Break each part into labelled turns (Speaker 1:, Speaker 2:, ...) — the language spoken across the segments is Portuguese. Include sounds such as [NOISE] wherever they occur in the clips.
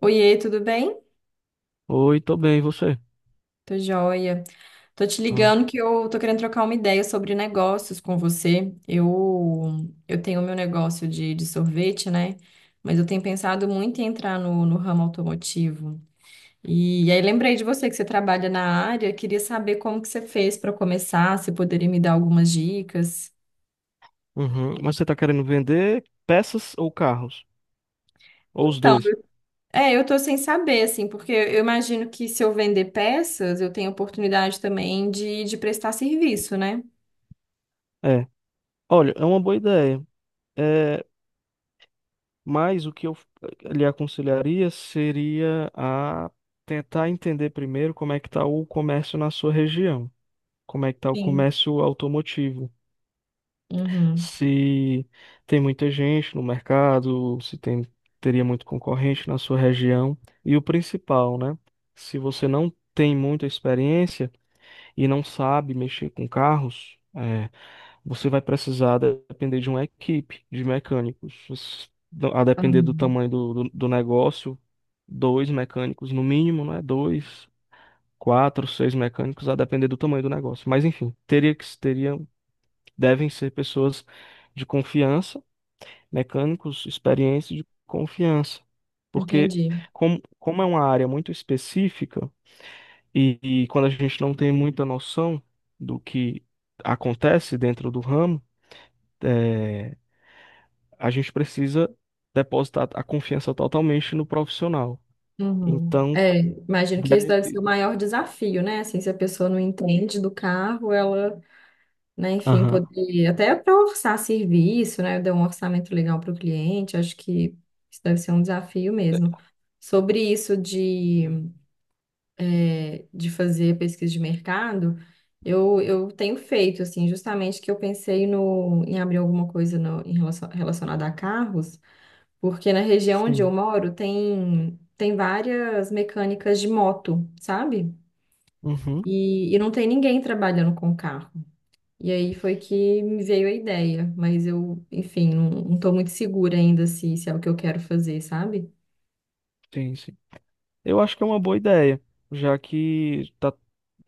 Speaker 1: Oiê, tudo bem?
Speaker 2: Oi, tô bem, e você?
Speaker 1: Tô joia. Tô te
Speaker 2: Ah,
Speaker 1: ligando que eu tô querendo trocar uma ideia sobre negócios com você. Eu tenho meu negócio de sorvete, né? Mas eu tenho pensado muito em entrar no ramo automotivo. E, aí lembrei de você que você trabalha na área, queria saber como que você fez para começar, se poderia me dar algumas dicas.
Speaker 2: uhum. Mas você tá querendo vender peças ou carros? Ou os
Speaker 1: Então,
Speaker 2: dois?
Speaker 1: é, eu tô sem saber, assim, porque eu imagino que se eu vender peças, eu tenho oportunidade também de prestar serviço, né?
Speaker 2: É. Olha, é uma boa ideia. É, mas o que eu lhe aconselharia seria a tentar entender primeiro como é que tá o comércio na sua região. Como é que tá o
Speaker 1: Sim.
Speaker 2: comércio automotivo?
Speaker 1: Uhum.
Speaker 2: Se tem muita gente no mercado, se tem, teria muito concorrente na sua região. E o principal, né? Se você não tem muita experiência, e não sabe mexer com carros, é, você vai precisar depender de uma equipe de mecânicos. A depender do
Speaker 1: Uhum,
Speaker 2: tamanho do negócio, dois mecânicos no mínimo, né? Dois, quatro, seis mecânicos, a depender do tamanho do negócio. Mas enfim, devem ser pessoas de confiança, mecânicos experientes de confiança. Porque
Speaker 1: entendi.
Speaker 2: como é uma área muito específica, e quando a gente não tem muita noção do que acontece dentro do ramo, é, a gente precisa depositar a confiança totalmente no profissional.
Speaker 1: Uhum.
Speaker 2: Então,
Speaker 1: É, imagino que esse
Speaker 2: deve...
Speaker 1: deve ser o maior desafio, né? Assim, se a pessoa não entende do carro, ela, né, enfim,
Speaker 2: Aham.
Speaker 1: poder até para orçar serviço, né? Dar um orçamento legal para o cliente, acho que isso deve ser um desafio mesmo. Sobre isso de, é, de fazer pesquisa de mercado, eu tenho feito, assim, justamente que eu pensei no, em abrir alguma coisa no, em relação, relacionada a carros. Porque na região onde eu
Speaker 2: Sim.
Speaker 1: moro tem, tem várias mecânicas de moto, sabe?
Speaker 2: Uhum.
Speaker 1: E não tem ninguém trabalhando com carro. E aí foi que me veio a ideia, mas eu, enfim, não, não tô muito segura ainda se, se é o que eu quero fazer, sabe?
Speaker 2: Sim, sim. Eu acho que é uma boa ideia, já que tá,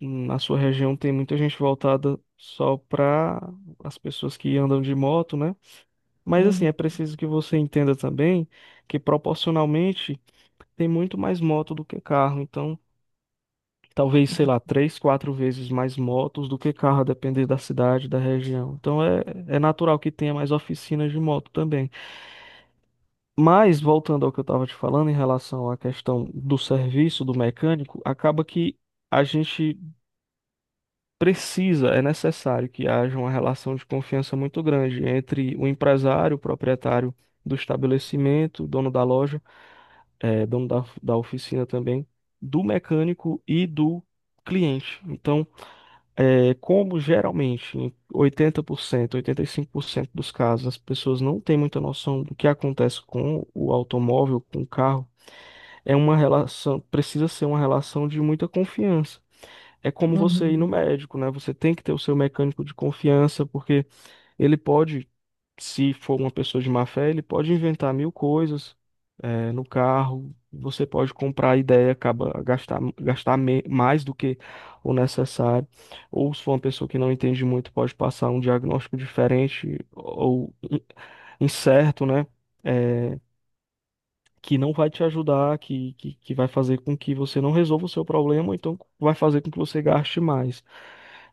Speaker 2: na sua região tem muita gente voltada só para as pessoas que andam de moto, né? Mas assim,
Speaker 1: Uhum,
Speaker 2: é preciso que você entenda também que proporcionalmente tem muito mais moto do que carro. Então, talvez, sei lá, três, quatro vezes mais motos do que carro, a depender da cidade, da região. Então, é natural que tenha mais oficinas de moto também. Mas, voltando ao que eu estava te falando em relação à questão do serviço do mecânico, acaba que a gente precisa, é necessário que haja uma relação de confiança muito grande entre o empresário, o proprietário do estabelecimento, dono da loja, dono da oficina também, do mecânico e do cliente. Então, como geralmente em 80%, 85% dos casos as pessoas não têm muita noção do que acontece com o automóvel, com o carro, precisa ser uma relação de muita confiança é como você ir
Speaker 1: uhum.
Speaker 2: no médico, né? Você tem que ter o seu mecânico de confiança, porque ele pode, se for uma pessoa de má fé, ele pode inventar mil coisas, no carro. Você pode comprar a ideia, acaba gastar mais do que o necessário. Ou se for uma pessoa que não entende muito, pode passar um diagnóstico diferente ou incerto, né? Eh, que não vai te ajudar, que vai fazer com que você não resolva o seu problema, ou então vai fazer com que você gaste mais.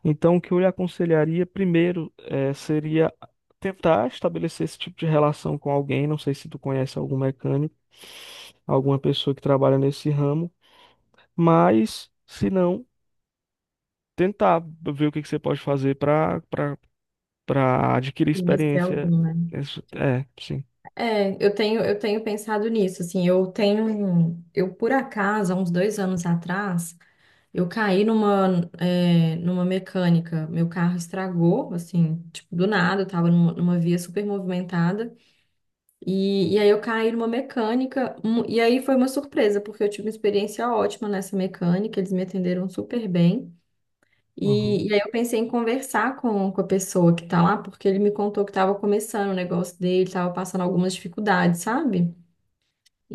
Speaker 2: Então, o que eu lhe aconselharia primeiro seria tentar estabelecer esse tipo de relação com alguém. Não sei se tu conhece algum mecânico, alguma pessoa que trabalha nesse ramo, mas se não, tentar ver o que que você pode fazer para adquirir
Speaker 1: Conhecer
Speaker 2: experiência.
Speaker 1: algum, né?
Speaker 2: Isso- É, sim.
Speaker 1: É, eu tenho pensado nisso, assim, eu tenho, eu por acaso, há uns 2 anos atrás, eu caí numa, é, numa mecânica, meu carro estragou, assim, tipo, do nada, eu tava numa, numa via super movimentada, e aí eu caí numa mecânica, e aí foi uma surpresa, porque eu tive uma experiência ótima nessa mecânica, eles me atenderam super bem,
Speaker 2: Uhum,
Speaker 1: e aí eu pensei em conversar com a pessoa que tá lá, porque ele me contou que tava começando o negócio dele, tava passando algumas dificuldades, sabe?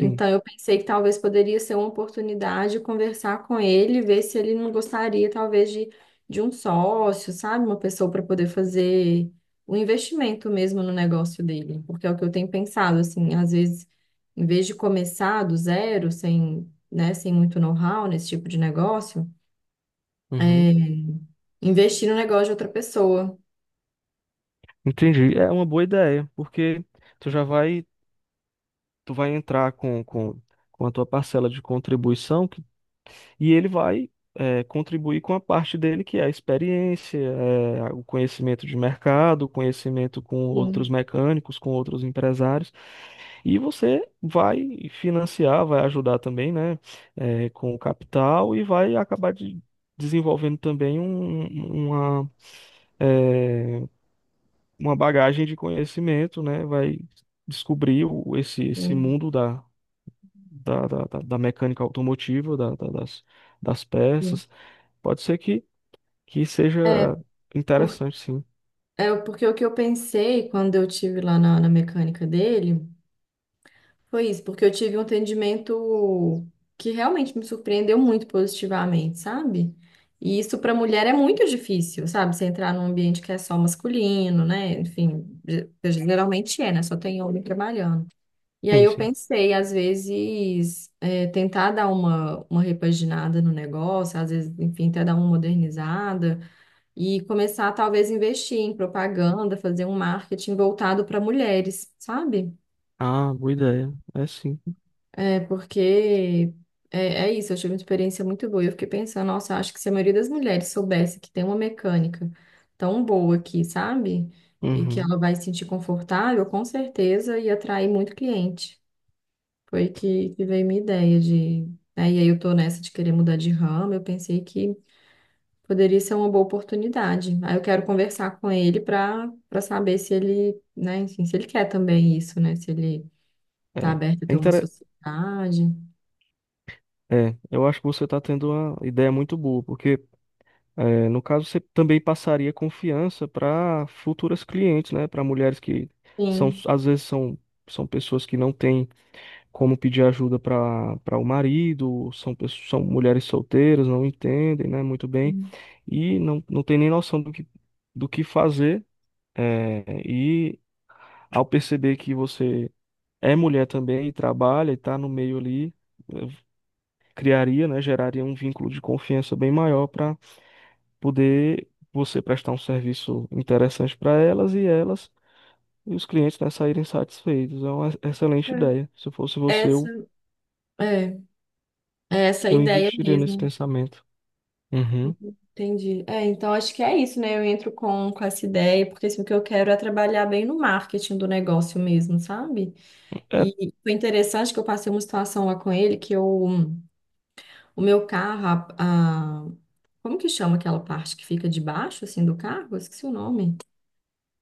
Speaker 2: sim.
Speaker 1: eu pensei que talvez poderia ser uma oportunidade conversar com ele, ver se ele não gostaria, talvez, de um sócio, sabe? Uma pessoa para poder fazer o investimento mesmo no negócio dele. Porque é o que eu tenho pensado, assim, às vezes, em vez de começar do zero, sem, né, sem muito know-how nesse tipo de negócio,
Speaker 2: Uhum.
Speaker 1: é, investir no negócio de outra pessoa.
Speaker 2: Entendi. É uma boa ideia, porque tu já vai, tu vai entrar com a tua parcela de contribuição e ele vai contribuir com a parte dele, que é a experiência, é, o conhecimento de mercado, o conhecimento com outros
Speaker 1: Sim,
Speaker 2: mecânicos, com outros empresários, e você vai financiar, vai ajudar também, né, é, com o capital e vai desenvolvendo também uma, é, uma bagagem de conhecimento, né? Vai descobrir esse
Speaker 1: sim,
Speaker 2: mundo da mecânica automotiva, das, das
Speaker 1: sim.
Speaker 2: peças. Pode ser que
Speaker 1: É,
Speaker 2: seja
Speaker 1: por,
Speaker 2: interessante, sim.
Speaker 1: é porque o que eu pensei quando eu tive lá na mecânica dele. Foi isso, porque eu tive um atendimento que realmente me surpreendeu muito positivamente, sabe? E isso para mulher é muito difícil, sabe? Você entrar num ambiente que é só masculino, né? Enfim, geralmente é, né? Só tem homem trabalhando. E aí
Speaker 2: Sim,
Speaker 1: eu
Speaker 2: sim.
Speaker 1: pensei, às vezes, é, tentar dar uma repaginada no negócio, às vezes, enfim, até dar uma modernizada e começar, talvez, a investir em propaganda, fazer um marketing voltado para mulheres, sabe?
Speaker 2: Ah, boa ideia. É sim.
Speaker 1: É, porque é, é isso, eu tive uma experiência muito boa. E eu fiquei pensando, nossa, acho que se a maioria das mulheres soubesse que tem uma mecânica tão boa aqui, sabe? E que
Speaker 2: Uhum.
Speaker 1: ela vai se sentir confortável, com certeza ia atrair muito cliente. Foi que veio minha ideia de. Né, e aí eu tô nessa de querer mudar de ramo, eu pensei que poderia ser uma boa oportunidade. Aí eu quero conversar com ele para saber se ele, né, enfim, se ele quer também isso, né? Se ele
Speaker 2: É.
Speaker 1: tá aberto a
Speaker 2: É,
Speaker 1: ter uma
Speaker 2: intere-
Speaker 1: sociedade.
Speaker 2: é, eu acho que você está tendo uma ideia muito boa, porque é, no caso você também passaria confiança para futuras clientes, né? Para mulheres que são,
Speaker 1: Sim.
Speaker 2: às vezes são, são pessoas que não têm como pedir ajuda para para o marido, são mulheres solteiras, não entendem, né, muito bem, não tem nem noção do que fazer. É, e ao perceber que você é mulher também e trabalha e está no meio ali, eh, criaria, né, geraria um vínculo de confiança bem maior para poder você prestar um serviço interessante para elas e os clientes, né, saírem satisfeitos. É uma excelente
Speaker 1: É,
Speaker 2: ideia. Se eu fosse você,
Speaker 1: essa é, é essa a
Speaker 2: eu
Speaker 1: ideia
Speaker 2: investiria nesse
Speaker 1: mesmo.
Speaker 2: pensamento. Uhum.
Speaker 1: Entendi. É, então acho que é isso, né? Eu entro com essa ideia, porque assim, o que eu quero é trabalhar bem no marketing do negócio mesmo, sabe?
Speaker 2: É,
Speaker 1: E foi interessante que eu passei uma situação lá com ele, que eu, o meu carro, a, a- como que chama aquela parte que fica debaixo, assim, do carro? Eu esqueci o nome.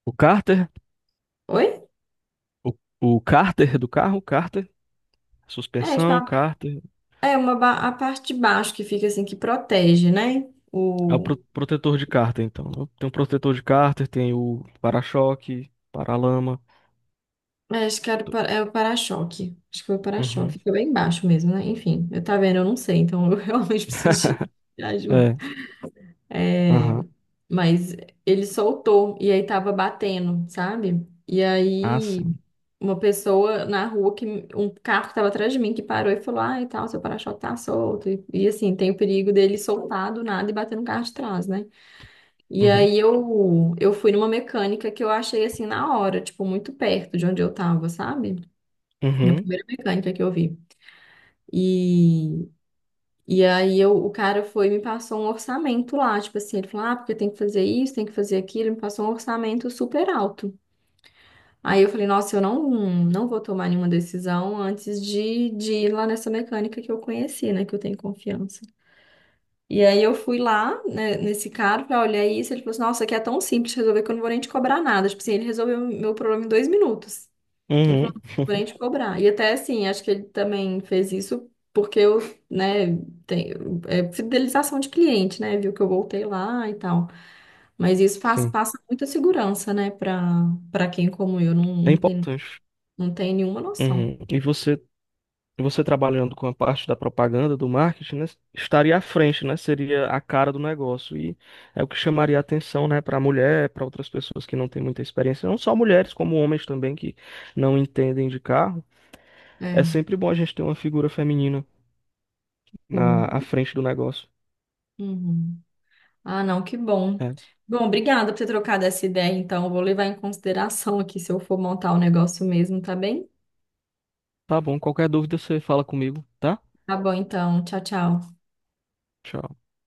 Speaker 2: o cárter,
Speaker 1: Oi?
Speaker 2: o, o cárter do carro, cárter,
Speaker 1: É, tipo,
Speaker 2: suspensão,
Speaker 1: a,
Speaker 2: cárter,
Speaker 1: é uma, a parte de baixo que fica assim, que protege, né?
Speaker 2: é o protetor de cárter, então. Né? Tem o protetor de cárter, tem o para-choque, para-lama.
Speaker 1: É, acho que era o
Speaker 2: Do-
Speaker 1: é o para-choque. Acho que foi o para-choque.
Speaker 2: Uhum.
Speaker 1: Ficou bem baixo mesmo, né? Enfim, eu tá vendo, eu não sei, então eu [LAUGHS] realmente preciso de ajuda.
Speaker 2: É,
Speaker 1: É,
Speaker 2: aham.
Speaker 1: mas ele soltou e aí tava batendo, sabe? E
Speaker 2: Ah,
Speaker 1: aí
Speaker 2: sim.
Speaker 1: uma pessoa na rua que um carro que tava atrás de mim que parou e falou: "Ah, e tal, seu para-choque tá solto". E, assim, tem o perigo dele soltar do nada e bater no carro de trás, né? E
Speaker 2: Uhum.
Speaker 1: aí eu fui numa mecânica que eu achei assim na hora, tipo muito perto de onde eu tava, sabe? A
Speaker 2: Uhum.
Speaker 1: primeira mecânica que eu vi. E, e aí eu, o cara foi e me passou um orçamento lá, tipo assim, ele falou, ah, porque tem que fazer isso, tem que fazer aquilo, ele me passou um orçamento super alto. Aí eu falei, nossa, eu não, não vou tomar nenhuma decisão antes de ir lá nessa mecânica que eu conheci, né, que eu tenho confiança. E aí eu fui lá, né, nesse cara, falei, olhar isso, ele falou assim, nossa, aqui é tão simples de resolver que eu não vou nem te cobrar nada. Tipo assim, ele resolveu meu problema em 2 minutos. Ele falou,
Speaker 2: Uhum.
Speaker 1: vou nem te cobrar. E até assim, acho que ele também fez isso porque eu, né, tenho, é fidelização de cliente, né? Viu que eu voltei lá e tal. Mas isso faz,
Speaker 2: Sim.
Speaker 1: passa muita segurança, né, para quem como eu não,
Speaker 2: É
Speaker 1: não tem,
Speaker 2: importante.
Speaker 1: não tem nenhuma noção.
Speaker 2: Uhum. E você trabalhando com a parte da propaganda, do marketing, né, estaria à frente, né? Seria a cara do negócio. E é o que chamaria a atenção, né, para a mulher, para outras pessoas que não têm muita experiência, não só mulheres, como homens também que não entendem de carro. É
Speaker 1: É.
Speaker 2: sempre bom a gente ter uma figura feminina
Speaker 1: Sim.
Speaker 2: na à frente do negócio.
Speaker 1: Uhum. Ah, não, que bom.
Speaker 2: É.
Speaker 1: Bom, obrigada por ter trocado essa ideia, então. Eu vou levar em consideração aqui se eu for montar o negócio mesmo, tá bem?
Speaker 2: Tá bom, qualquer dúvida você fala comigo, tá?
Speaker 1: Tá bom, então. Tchau, tchau.
Speaker 2: Tchau.